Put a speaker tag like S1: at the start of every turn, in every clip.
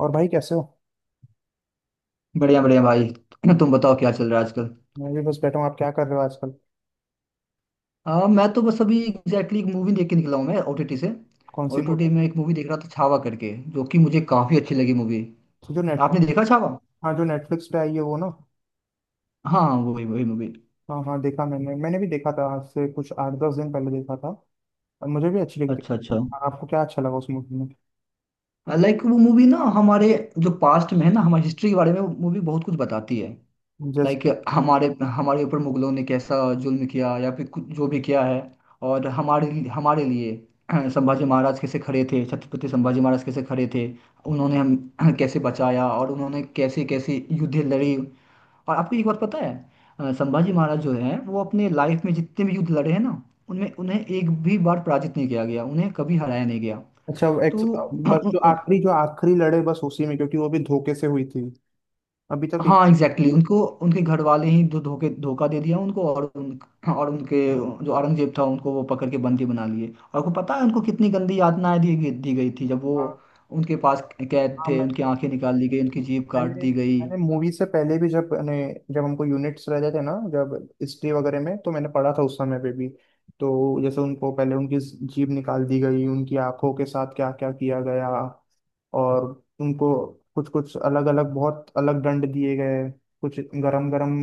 S1: और भाई कैसे हो?
S2: बढ़िया बढ़िया भाई। तुम बताओ, क्या चल रहा है आजकल?
S1: मैं भी बस बैठा हूँ। आप क्या कर रहे हो आजकल?
S2: मैं तो बस अभी एग्जैक्टली एक मूवी देख के निकला हूँ, मैं ओटीटी से।
S1: कौन सी
S2: ओटीटी
S1: मूवी?
S2: में एक मूवी देख रहा था, छावा करके, जो कि मुझे काफी अच्छी लगी मूवी।
S1: तो जो नेटफ्लिक्स।
S2: आपने देखा छावा?
S1: हाँ, जो नेटफ्लिक्स पे आई है वो ना।
S2: हाँ, वही वही मूवी।
S1: हाँ हाँ, देखा। मैंने मैंने भी देखा था, आज से कुछ 8-10 दिन पहले देखा था। और मुझे भी अच्छी लगी थी।
S2: अच्छा अच्छा।
S1: हाँ, आपको क्या अच्छा लगा उस मूवी में?
S2: लाइक वो मूवी ना हमारे, जो पास्ट में है ना, हमारी हिस्ट्री के बारे में मूवी बहुत कुछ बताती है।
S1: जस्ट।
S2: लाइक, हमारे हमारे ऊपर मुगलों ने कैसा जुल्म किया, या फिर कुछ जो भी किया है। और हमारे हमारे लिए, संभाजी महाराज कैसे खड़े थे, छत्रपति संभाजी महाराज कैसे खड़े थे। उन्होंने हम कैसे बचाया, और उन्होंने कैसे कैसे युद्ध लड़ी, और आपको एक बात पता है? संभाजी महाराज जो है वो अपने लाइफ में जितने भी युद्ध लड़े हैं ना, उनमें उन्हें एक भी बार पराजित नहीं किया गया, उन्हें कभी हराया नहीं गया।
S1: अच्छा, वो एक। बस जो
S2: तो
S1: आखिरी लड़े बस उसी में, क्योंकि वो भी धोखे से हुई थी। अभी तक एक।
S2: हाँ, एग्जैक्टली, उनको उनके घर वाले ही धो धोखे धोखा दे दिया उनको। और उनके जो औरंगजेब था, उनको वो पकड़ के बंदी बना लिए। और को पता है उनको कितनी गंदी यातनाएं दी गई थी, जब वो
S1: हाँ
S2: उनके पास कैद
S1: हाँ।
S2: थे। उनकी आंखें निकाल ली गई, उनकी जीभ काट
S1: मैंने
S2: दी गई।
S1: मैंने मूवी से पहले भी, जब मैंने, जब हमको यूनिट्स रहते थे ना, जब हिस्ट्री वगैरह में, तो मैंने पढ़ा था उस समय पे भी। तो जैसे उनको पहले उनकी जीभ निकाल दी गई, उनकी आंखों के साथ क्या क्या किया गया, और उनको कुछ कुछ अलग अलग बहुत अलग दंड दिए गए। कुछ गरम गरम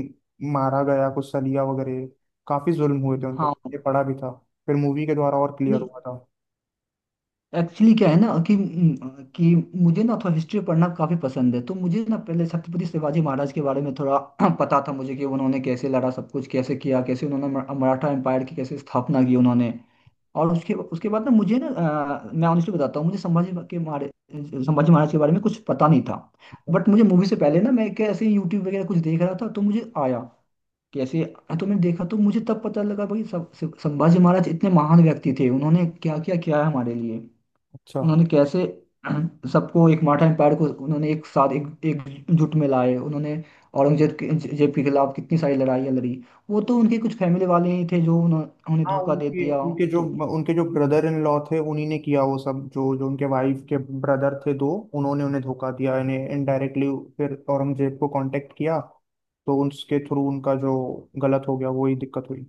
S1: मारा गया, कुछ सलिया वगैरह। काफी जुल्म हुए थे उन पर, ये
S2: हाँ।
S1: पढ़ा भी था। फिर मूवी के द्वारा और क्लियर
S2: नहीं,
S1: हुआ था।
S2: एक्चुअली क्या है ना कि मुझे ना थोड़ा हिस्ट्री पढ़ना काफी पसंद है, तो मुझे ना पहले छत्रपति शिवाजी महाराज के बारे में थोड़ा पता था मुझे, कि उन्होंने कैसे लड़ा, सब कुछ कैसे किया, कैसे उन्होंने मराठा एम्पायर की कैसे स्थापना की उन्होंने। और उसके उसके बाद ना मुझे ना, मैं ऑनेस्टली बताता हूँ, मुझे संभाजी महाराज के बारे में कुछ पता नहीं था। बट मुझे मूवी से पहले ना, मैं क्या ऐसे यूट्यूब वगैरह कुछ देख रहा था, तो मुझे आया कैसे। तो मैंने देखा, तो मुझे तब पता लगा भाई, सब सब- संभाजी महाराज इतने महान व्यक्ति थे, उन्होंने क्या क्या किया है हमारे लिए।
S1: अच्छा।
S2: उन्होंने कैसे सबको, एक मराठा एम्पायर को उन्होंने एक साथ एक एकजुट में लाए उन्होंने। औरंगजेब के खिलाफ कितनी सारी लड़ाइयाँ लड़ी। वो तो उनके कुछ फैमिली वाले ही थे जो उन्हें
S1: हाँ,
S2: धोखा दे
S1: उनके
S2: दिया।
S1: उनके जो,
S2: तो
S1: उनके जो ब्रदर इन लॉ थे उन्हीं ने किया वो सब, जो जो उनके वाइफ के ब्रदर थे दो। उन्होंने उन्हें धोखा दिया इन्हें, इनडायरेक्टली फिर औरंगजेब को कांटेक्ट किया, तो उसके थ्रू उनका जो गलत हो गया वही दिक्कत हुई।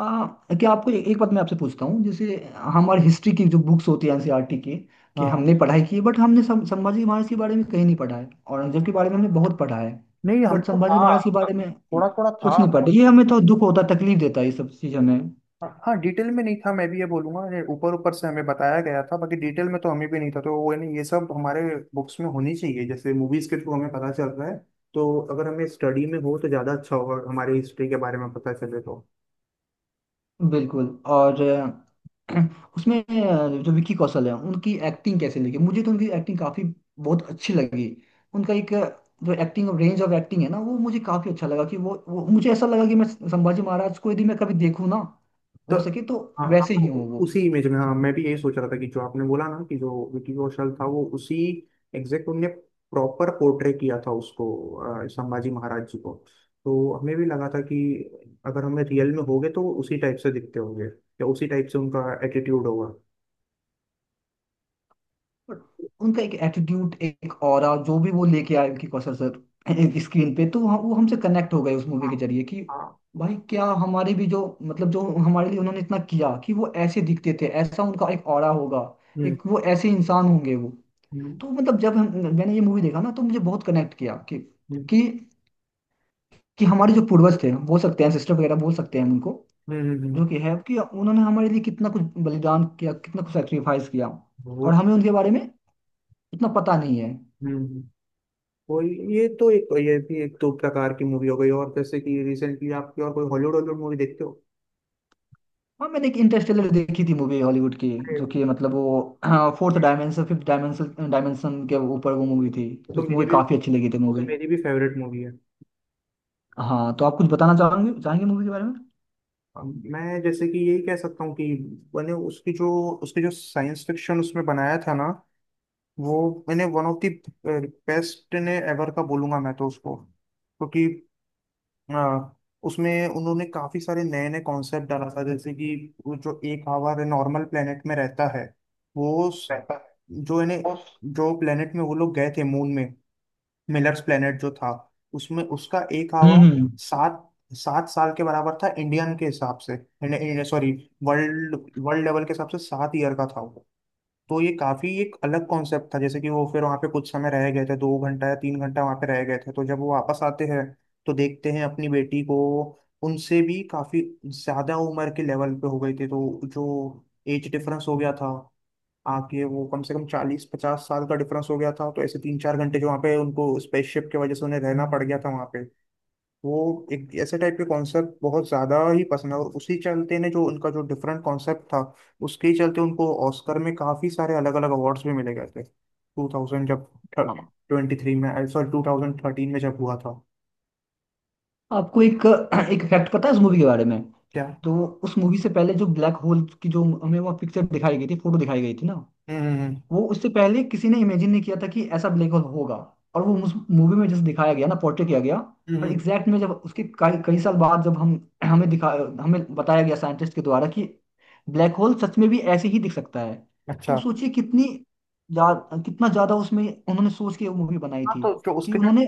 S2: आ, क्या आपको एक बात मैं आपसे पूछता हूँ, जैसे हमारे हिस्ट्री की जो बुक्स होती है एनसीईआरटी के, कि
S1: हाँ,
S2: हमने पढ़ाई की है, बट हमने संभाजी महाराज के बारे में कहीं नहीं पढ़ा है। औरंगजेब के बारे में हमने बहुत पढ़ा है।
S1: नहीं
S2: बट
S1: हमको था,
S2: संभाजी महाराज के बारे में
S1: थोड़ा थोड़ा था।
S2: कुछ नहीं पढ़ा, ये हमें तो दुख होता है, तकलीफ देता है ये सब चीज़ हमें।
S1: हाँ हाँ, डिटेल में नहीं था, मैं भी ये बोलूंगा। ये ऊपर ऊपर से हमें बताया गया था, बाकी डिटेल में तो हमें भी नहीं था। तो वो नहीं, ये सब हमारे बुक्स में होनी चाहिए, जैसे मूवीज के थ्रू हमें पता चल रहा है, तो अगर हमें स्टडी में हो तो ज़्यादा अच्छा होगा, हमारी हिस्ट्री के बारे में पता चले तो।
S2: बिल्कुल। और उसमें जो विकी कौशल है, उनकी एक्टिंग कैसे लगी, मुझे तो उनकी एक्टिंग काफी बहुत अच्छी लगी। उनका एक जो एक्टिंग, रेंज ऑफ एक्टिंग है ना, वो मुझे काफी अच्छा लगा कि वो मुझे ऐसा लगा कि मैं संभाजी महाराज को यदि मैं कभी देखूँ ना,
S1: तो
S2: हो सके तो
S1: हाँ,
S2: वैसे
S1: आपको
S2: ही हूँ वो।
S1: उसी इमेज में। हाँ, मैं भी यही सोच रहा था कि जो आपने बोला ना कि जो विकी कौशल था, वो उसी एग्जैक्ट उनने प्रॉपर पोर्ट्रे किया था उसको, संभाजी महाराज जी को। तो हमें भी लगा था कि अगर हमें रियल में होगे तो वो उसी टाइप से दिखते होंगे, या उसी टाइप से उनका एटीट्यूड होगा।
S2: बट उनका एक एटीट्यूड, एक ऑरा जो भी वो लेके आए विकी कौशल सर स्क्रीन पे, तो वो हमसे कनेक्ट हो गए उस मूवी
S1: हाँ
S2: के जरिए कि
S1: हाँ।
S2: भाई, क्या हमारे भी जो, मतलब जो हमारे लिए उन्होंने इतना किया कि वो ऐसे दिखते थे, ऐसा उनका एक ऑरा होगा,
S1: हम्म
S2: एक वो ऐसे इंसान होंगे वो।
S1: हम्म
S2: तो मतलब जब हम, मैंने ये मूवी देखा ना तो मुझे बहुत कनेक्ट किया कि
S1: हम्म
S2: कि कि हमारे जो पूर्वज थे बोल सकते हैं, सिस्टर वगैरह बोल सकते हैं हम उनको,
S1: हम्म हम्म,
S2: जो कि है कि उन्होंने हमारे लिए कितना कुछ बलिदान किया, कितना कुछ सेक्रीफाइस किया,
S1: वो।
S2: और हमें उनके बारे में इतना पता नहीं है।
S1: हम्म हम्म। कोई, ये तो एक, ये भी एक तो प्रकार की मूवी हो गई। और जैसे कि रिसेंटली आप कोई और कोई हॉलीवुड हॉलीवुड मूवी देखते
S2: हाँ, मैंने एक इंटरस्टेलर देखी थी मूवी, हॉलीवुड की, जो
S1: हो?
S2: कि मतलब वो, हाँ, fourth dimension, fifth dimension dimension के ऊपर वो मूवी थी,
S1: वो तो
S2: जो
S1: मेरी
S2: मूवी
S1: भी
S2: काफी अच्छी लगी थी
S1: वो तो
S2: मूवी।
S1: मेरी भी फेवरेट मूवी है।
S2: हाँ, तो आप कुछ बताना चाहोगे चाहेंगे मूवी के बारे में?
S1: मैं जैसे कि यही कह सकता हूँ कि मैंने उसकी जो, साइंस फिक्शन उसमें बनाया था ना, वो मैंने वन ऑफ द बेस्ट ने एवर का बोलूंगा मैं तो उसको, क्योंकि अ, उसमें उन्होंने काफी सारे नए नए कॉन्सेप्ट डाला था। जैसे कि वो जो एक आवर नॉर्मल प्लेनेट में रहता है, वो जो इन्हें,
S2: Thanos,
S1: जो प्लेनेट में वो लोग गए थे मून में, मिलर्स प्लेनेट जो था, उसमें उसका एक आवर
S2: हम्म हम्म।
S1: सात सात साल के बराबर था, इंडियन के हिसाब से, सॉरी, वर्ल्ड, वर्ल्ड लेवल के हिसाब से 7 ईयर का था वो। तो ये काफी एक अलग कॉन्सेप्ट था, जैसे कि वो फिर वहाँ पे कुछ समय रह गए थे, 2 घंटा या 3 घंटा वहाँ पे रह गए थे, तो जब वो वापस आते हैं तो देखते हैं अपनी बेटी को उनसे भी काफी ज्यादा उम्र के लेवल पे हो गई थी। तो जो एज डिफरेंस हो गया था, आके वो कम से कम 40-50 साल का डिफरेंस हो गया था। तो ऐसे 3-4 घंटे जो वहाँ पे उनको स्पेसशिप की वजह से उन्हें रहना पड़ गया था वहाँ पे। वो एक ऐसे टाइप के कॉन्सेप्ट बहुत ज्यादा ही पसंद है। और उसी चलते ने जो उनका जो डिफरेंट कॉन्सेप्ट था, उसके ही चलते उनको ऑस्कर में काफी सारे अलग अलग अवार्ड्स भी मिले गए थे, टू थाउजेंड जब
S2: हाँ,
S1: ट्वेंटी थ्री में, सॉरी, 2013 में जब हुआ था।
S2: आपको एक एक फैक्ट पता है उस मूवी के बारे में?
S1: क्या?
S2: तो उस मूवी से पहले, जो ब्लैक होल की जो हमें वो पिक्चर दिखाई गई थी, फोटो दिखाई गई थी ना,
S1: हम्म हम्म हम्म,
S2: वो उससे पहले किसी ने इमेजिन नहीं किया था कि ऐसा ब्लैक होल होगा। और वो उस मूवी में जैसे दिखाया गया ना, पोर्ट्रे किया गया,
S1: हम्म,
S2: और
S1: हम्म,
S2: एग्जैक्ट में जब उसके कई कई साल बाद जब हम, हमें दिखा हमें बताया गया साइंटिस्ट के द्वारा कि ब्लैक होल सच में भी ऐसे ही दिख सकता है। तो
S1: अच्छा।
S2: सोचिए जा, कितना ज्यादा उसमें उन्होंने सोच के वो मूवी बनाई
S1: हाँ,
S2: थी,
S1: तो
S2: कि उन्होंने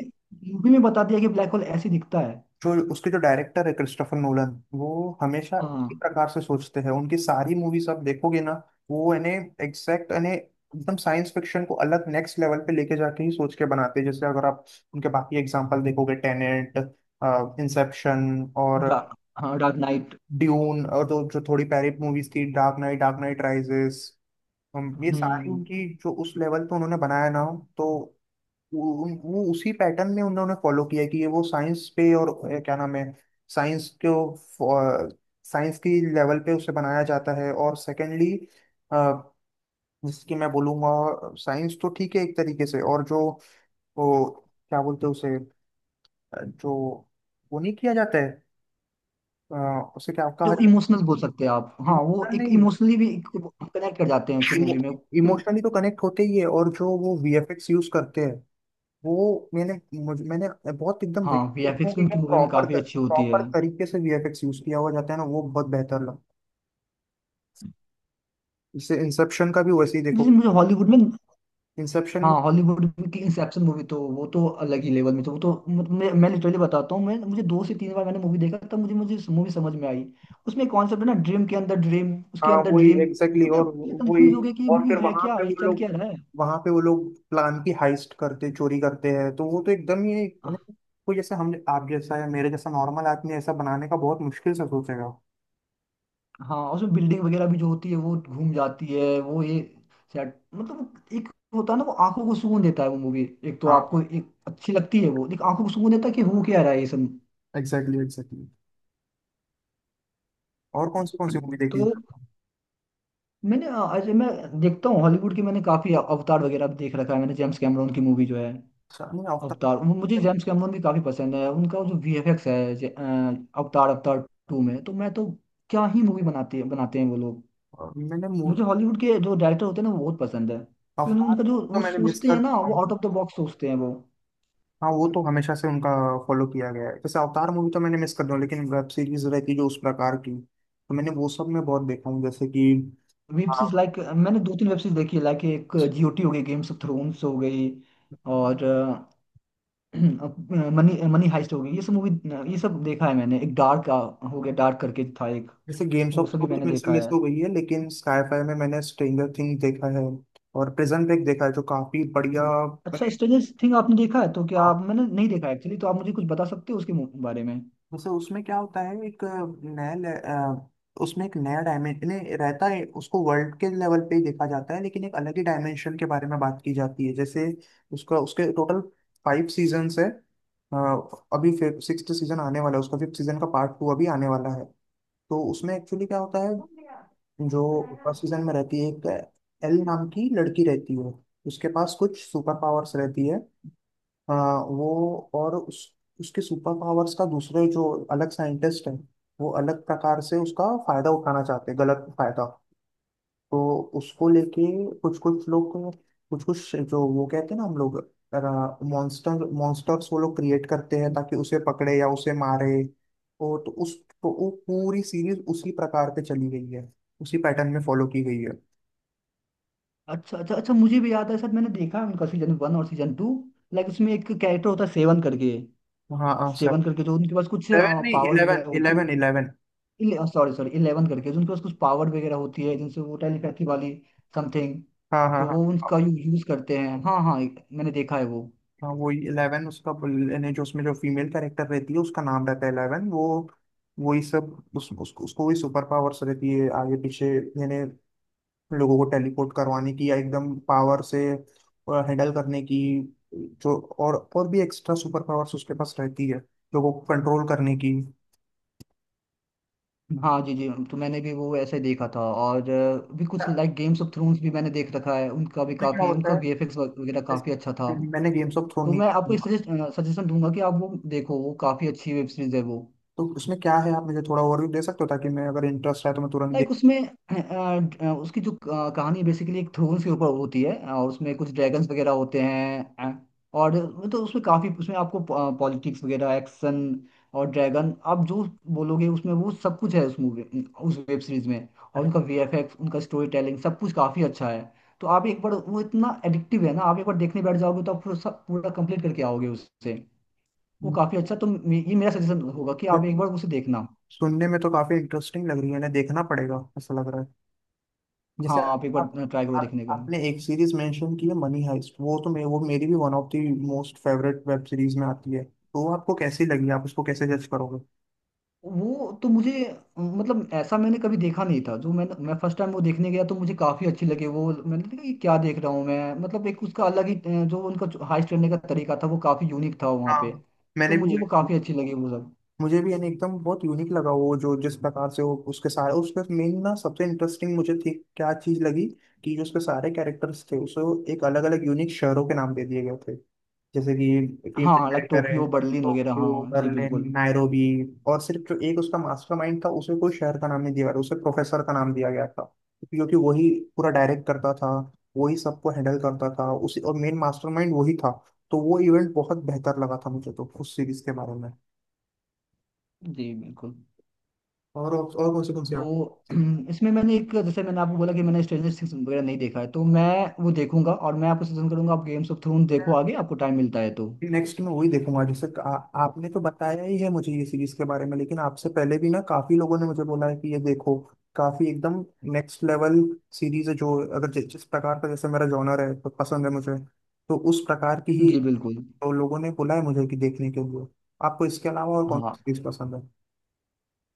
S2: मूवी में बता दिया कि ब्लैक होल ऐसे दिखता है।
S1: जो उसके जो डायरेक्टर है, क्रिस्टोफर नोलन, वो हमेशा एक
S2: हाँ।
S1: प्रकार से सोचते हैं। उनकी सारी मूवीज आप देखोगे ना, वो यानी एग्जैक्ट यानी एकदम साइंस फिक्शन को अलग नेक्स्ट लेवल पे लेके जाके ही सोच के बनाते हैं। जैसे अगर आप उनके बाकी एग्जांपल देखोगे, टेनेंट, इंसेप्शन और
S2: डा, हाँ, डार्क नाइट।
S1: ड्यून, और जो जो थोड़ी पहले मूवीज थी, Dark Knight, Dark Knight Rises, ये सारी
S2: हम्म।
S1: उनकी जो उस लेवल पे उन्होंने बनाया ना, तो वो उसी पैटर्न में उन्होंने फॉलो किया कि ये वो साइंस पे, और क्या नाम है, साइंस को साइंस की लेवल पे उसे बनाया जाता है। और सेकेंडली, जिसकी मैं बोलूँगा, साइंस तो ठीक है एक तरीके से, और जो वो क्या बोलते हैं उसे, जो वो नहीं किया जाता है, उसे क्या कहा
S2: जो
S1: जाता
S2: इमोशनल बोल सकते हैं आप,
S1: है?
S2: हाँ, वो
S1: इमोशनल
S2: एक
S1: नहीं,
S2: इमोशनली भी कनेक्ट कर जाते हैं उसकी मूवी में कि।
S1: इमोशनली तो कनेक्ट होते ही है। और जो वो वीएफएक्स यूज करते हैं वो मैंने, मुझे मैंने बहुत एकदम
S2: हाँ,
S1: basic देखूं
S2: वीएफएक्स भी
S1: कि
S2: उनकी
S1: एकदम
S2: मूवी में
S1: प्रॉपर
S2: काफी अच्छी होती
S1: प्रॉपर
S2: है।
S1: तरीके से वीएफएक्स यूज किया हुआ जाता है ना, वो बहुत बेहतर लगा। इससे इंसेप्शन का भी वैसे ही देखो।
S2: जैसे मुझे हॉलीवुड में,
S1: इंसेप्शन में,
S2: हाँ, हॉलीवुड की इंसेप्शन मूवी तो वो तो अलग ही लेवल में, तो वो तो मैं लिटरली बताता हूँ मैं, मुझे 2 से 3 बार मैंने मूवी देखा तब मुझे मुझे मूवी समझ में आई। उसमें कॉन्सेप्ट है ना, ड्रीम के अंदर ड्रीम, उसके
S1: हाँ
S2: अंदर
S1: वही
S2: ड्रीम,
S1: एग्जैक्टली।
S2: तो मैं
S1: और वही,
S2: कंफ्यूज हो गया कि ये
S1: और
S2: मूवी
S1: फिर
S2: है क्या, ये चल क्या रहा
S1: वहां पे वो लोग प्लान की हाइस्ट करते, चोरी करते हैं, तो वो तो एकदम ही,
S2: है।
S1: यानी कोई जैसे हम आप जैसा या मेरे जैसा नॉर्मल आदमी ऐसा बनाने का बहुत मुश्किल से सोचेगा।
S2: हाँ, उसमें बिल्डिंग वगैरह भी जो होती है वो घूम जाती है वो, ये सेट मतलब एक होता है ना, वो आंखों को सुकून देता है वो मूवी। एक तो
S1: हाँ
S2: आपको एक अच्छी लगती है वो, एक आंखों को सुकून देता है कि हो क्या रहा है ये सब।
S1: Exactly exactly. और कौन सी मूवी देखी?
S2: तो मैंने अजय मैं देखता हूँ हॉलीवुड की, मैंने काफी अवतार वगैरह भी देख रखा है, मैंने जेम्स कैमरॉन की मूवी जो है
S1: अच्छा, नहीं आफ्ताब।
S2: अवतार, मुझे जेम्स कैमरॉन भी काफी पसंद है, उनका वो जो वीएफएक्स है, अवतार अवतार टू में तो मैं तो, क्या ही मूवी बनाती है बनाते हैं वो लोग।
S1: मैंने
S2: मुझे हॉलीवुड के जो डायरेक्टर होते हैं ना वो बहुत पसंद है, क्योंकि
S1: अवतार
S2: उनका जो
S1: तो
S2: वो
S1: मैंने मिस
S2: सोचते
S1: कर
S2: हैं ना,
S1: चुका
S2: वो आउट
S1: हूँ।
S2: ऑफ द बॉक्स सोचते हैं वो।
S1: हाँ, वो तो हमेशा से उनका फॉलो किया गया है। जैसे अवतार मूवी तो मैंने मिस कर दिया, लेकिन वेब सीरीज रहती है जो उस प्रकार की, तो मैंने वो सब मैं बहुत देखा हूँ जैसे कि,
S2: वेब
S1: हाँ
S2: सीरीज, लाइक, मैंने दो तीन वेब सीरीज देखी है, लाइक, एक जीओटी हो गई, गेम्स ऑफ थ्रोन्स हो गई, और मनी मनी हाइस्ट हो गई, ये सब मूवी, ये सब देखा है मैंने। एक डार्क हो गया, डार्क करके था एक।
S1: जैसे गेम्स
S2: वो
S1: ऑफ
S2: सब भी
S1: थ्रोन तो
S2: मैंने
S1: मेरे से
S2: देखा
S1: मिस
S2: है।
S1: हो गई है, लेकिन स्काईफाई में मैंने स्ट्रेंजर थिंग्स देखा है और प्रिजन ब्रेक देखा है जो काफी बढ़िया।
S2: अच्छा,
S1: मैंने,
S2: स्ट्रेंजर थिंग आपने देखा है, तो क्या
S1: हाँ,
S2: आप, मैंने नहीं देखा एक्चुअली, तो आप मुझे कुछ बता सकते हो उसके बारे में?
S1: वैसे उसमें क्या होता है? एक नया उसमें एक नया डायमेंशन रहता है, उसको वर्ल्ड के लेवल पे ही देखा जाता है, लेकिन एक अलग ही डायमेंशन के बारे में बात की जाती है। जैसे उसका, उसके टोटल 5 सीजन्स है। अ, अभी फिर सिक्स्थ सीजन आने वाला है, उसका फिफ्थ सीजन का पार्ट टू अभी आने वाला है। तो उसमें एक्चुअली क्या होता है, जो फर्स्ट सीजन में रहती है एक, एल नाम की लड़की रहती है, उसके पास कुछ सुपर पावर्स रहती है। हाँ वो, और उस, उसके सुपर पावर्स का दूसरे जो अलग साइंटिस्ट हैं, वो अलग प्रकार से उसका फायदा उठाना चाहते हैं, गलत फायदा। तो उसको लेके कुछ कुछ लोग को- कुछ कुछ जो वो कहते हैं ना, हम लोग मॉन्स्टर, मॉन्स्टर्स वो लोग क्रिएट करते हैं ताकि उसे पकड़े या उसे मारे। वो तो उस तो वो पूरी सीरीज उसी प्रकार पे चली गई है, उसी पैटर्न में फॉलो की गई है।
S2: अच्छा अच्छा अच्छा, मुझे भी याद है सर, मैंने देखा है उनका सीजन 1 और सीजन 2। लाइक उसमें एक कैरेक्टर होता है सेवन करके
S1: हाँ हाँ सर,
S2: सेवन करके जो उनके पास कुछ
S1: 11 नहीं,
S2: पावर
S1: इलेवन
S2: वगैरह होती
S1: इलेवन इलेवन।
S2: है। सॉरी सॉरी, इलेवन करके जो उनके पास कुछ पावर वगैरह होती है, जिनसे वो टेलीपैथी वाली समथिंग,
S1: हाँ हाँ
S2: तो वो
S1: हाँ
S2: उनका यूज करते हैं। हाँ हाँ, मैंने देखा है वो।
S1: हाँ। वो इलेवन, उसका ने जो उसमें जो फीमेल कैरेक्टर रहती है उसका नाम रहता है इलेवन। वो वही सब उस, उसको उसको वही सुपर पावर्स रहती है आगे पीछे, यानी लोगों को टेलीपोर्ट करवाने की या एकदम पावर से हैंडल करने की, जो और भी एक्स्ट्रा सुपर पावर्स उसके पास रहती है, लोगों को कंट्रोल करने की।
S2: हाँ जी जी, तो मैंने भी वो ऐसे देखा था, और भी कुछ लाइक गेम्स ऑफ थ्रोन्स भी मैंने देख रखा है, उनका भी
S1: उसमें क्या
S2: काफ़ी,
S1: होता
S2: उनका वीएफएक्स वगैरह काफ़ी अच्छा था।
S1: है, मैंने गेम्स ऑफ थ्रोन
S2: तो
S1: नहीं
S2: मैं आपको
S1: देखा,
S2: सजेस्ट सजेशन दूंगा कि आप वो देखो, वो काफ़ी अच्छी वेब सीरीज है वो।
S1: तो उसमें क्या है, आप मुझे थोड़ा ओवरव्यू दे सकते हो ताकि मैं, अगर इंटरेस्ट है तो मैं तुरंत
S2: लाइक उसमें उसकी जो कहानी बेसिकली एक थ्रोन्स के ऊपर होती है, और उसमें कुछ ड्रैगन्स वगैरह होते हैं, और तो उसमें काफ़ी, उसमें आपको पॉलिटिक्स वगैरह, एक्शन और ड्रैगन, आप जो बोलोगे उसमें वो सब कुछ है उस वेब सीरीज में। और उनका वीएफएक्स, उनका स्टोरी टेलिंग, सब कुछ काफ़ी अच्छा है। तो आप एक बार वो, इतना एडिक्टिव है ना, आप एक बार देखने बैठ जाओगे तो आप पूरा सब, पूरा कंप्लीट करके आओगे उससे। वो
S1: देख।
S2: काफ़ी अच्छा, तो ये मेरा सजेशन होगा कि आप एक बार उसे देखना।
S1: सुनने में तो काफी इंटरेस्टिंग लग रही है ना, देखना पड़ेगा ऐसा लग रहा है। जैसे
S2: हाँ, आप एक बार
S1: आप
S2: ट्राई करो
S1: आप
S2: देखने का।
S1: आपने एक सीरीज मेंशन की है, मनी हाइस्ट, वो तो वो मेरी भी one of the most favourite web series में आती है। तो वो आपको कैसी लगी, आप उसको कैसे जज करोगे?
S2: वो तो मुझे, मतलब ऐसा मैंने कभी देखा नहीं था, जो मैं फर्स्ट टाइम वो देखने गया तो मुझे काफी अच्छी लगी वो, मैंने देखा ये क्या देख रहा हूँ मैं, मतलब एक उसका अलग ही जो उनका हाइस्ट करने का तरीका था वो काफी यूनिक था वहाँ
S1: हाँ,
S2: पे। तो
S1: मैंने भी
S2: मुझे
S1: वही
S2: वो
S1: कहा।
S2: काफी अच्छी लगी वो सब।
S1: मुझे भी यानी एकदम बहुत यूनिक लगा वो, जो जिस प्रकार से वो उसके सारे, उसके मेन ना सबसे इंटरेस्टिंग मुझे थी, क्या चीज लगी, कि जो उसके सारे कैरेक्टर्स थे उसे एक अलग अलग यूनिक शहरों के नाम दे दिए गए थे, जैसे कि
S2: हाँ
S1: फीमेल
S2: हाँ, लाइक
S1: क्रेकर है
S2: टोक्यो बर्लिन वगैरह,
S1: टोक्यो,
S2: हाँ जी
S1: बर्लिन,
S2: बिल्कुल।
S1: नायरोबी। और सिर्फ जो एक उसका मास्टरमाइंड था, उसे कोई शहर का नाम नहीं दिया गया, उसे प्रोफेसर का नाम दिया गया था, क्योंकि वही पूरा डायरेक्ट करता था, वही सबको हैंडल करता था उसी, और मेन मास्टरमाइंड वही था। तो वो इवेंट बहुत बेहतर लगा था मुझे तो उस सीरीज के बारे में।
S2: जी बिल्कुल।
S1: और कौन सी कौन सी?
S2: तो इसमें मैंने एक, जैसे मैंने आपको बोला कि मैंने स्ट्रेंजर थिंग्स वगैरह नहीं देखा है, तो मैं वो देखूंगा, और मैं आपको सजेशन करूंगा आप गेम्स ऑफ थ्रोन देखो,
S1: आप,
S2: आगे आपको टाइम मिलता है तो।
S1: नेक्स्ट मैं वही देखूंगा। जैसे आपने तो बताया ही है मुझे ये सीरीज के बारे में, लेकिन आपसे पहले भी ना काफी लोगों ने मुझे बोला है कि ये देखो, काफी एकदम नेक्स्ट लेवल सीरीज है, जो अगर जिस प्रकार का, जैसे मेरा जॉनर है, तो पसंद है मुझे, तो उस प्रकार की ही,
S2: जी बिल्कुल।
S1: तो लोगों ने बोला है मुझे कि देखने के लिए। आपको इसके अलावा और कौन सी
S2: हाँ
S1: सीरीज पसंद है?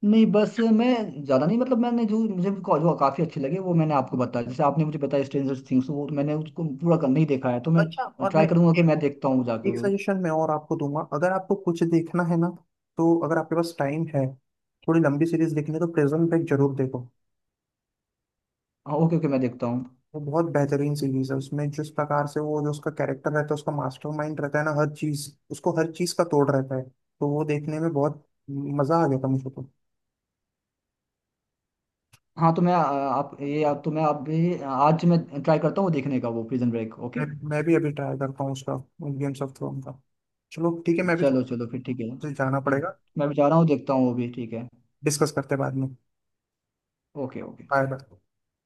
S2: नहीं, बस मैं ज़्यादा नहीं, मतलब मैंने जो मुझे जो काफ़ी अच्छे लगे वो मैंने आपको बताया, जैसे आपने मुझे बताया स्ट्रेंजर थिंग्स, वो तो मैंने उसको पूरा कर नहीं देखा है, तो
S1: अच्छा,
S2: मैं
S1: और
S2: ट्राई
S1: मैं
S2: करूंगा कि मैं देखता हूँ जाकर
S1: एक
S2: वो।
S1: सजेशन मैं और आपको दूंगा, अगर आपको कुछ देखना है ना, तो अगर आपके पास टाइम है, थोड़ी लंबी सीरीज देखनी है, तो प्रिजन ब्रेक जरूर देखो।
S2: हाँ ओके ओके, मैं देखता हूँ।
S1: वो बहुत बेहतरीन सीरीज है, उसमें जिस प्रकार से वो, जो उसका कैरेक्टर रहता है, उसका मास्टरमाइंड रहता है ना, हर चीज उसको, हर चीज का तोड़ रहता है। तो वो देखने में बहुत मजा आ गया था मुझे तो।
S2: हाँ, तो मैं आप ये, आप, तो मैं, आप भी, आज मैं ट्राई करता हूँ देखने का वो प्रिजन ब्रेक, ओके।
S1: मैं भी अभी ट्राई करता हूँ उसका, गेम्स ऑफ थ्रोन का। चलो ठीक है, मैं भी
S2: चलो
S1: थोड़ा,
S2: चलो फिर, ठीक है।
S1: मुझे जाना पड़ेगा।
S2: मैं भी जा रहा हूँ, देखता हूँ वो भी, ठीक है।
S1: डिस्कस करते हैं बाद में।
S2: Okay okay.
S1: Bye bye.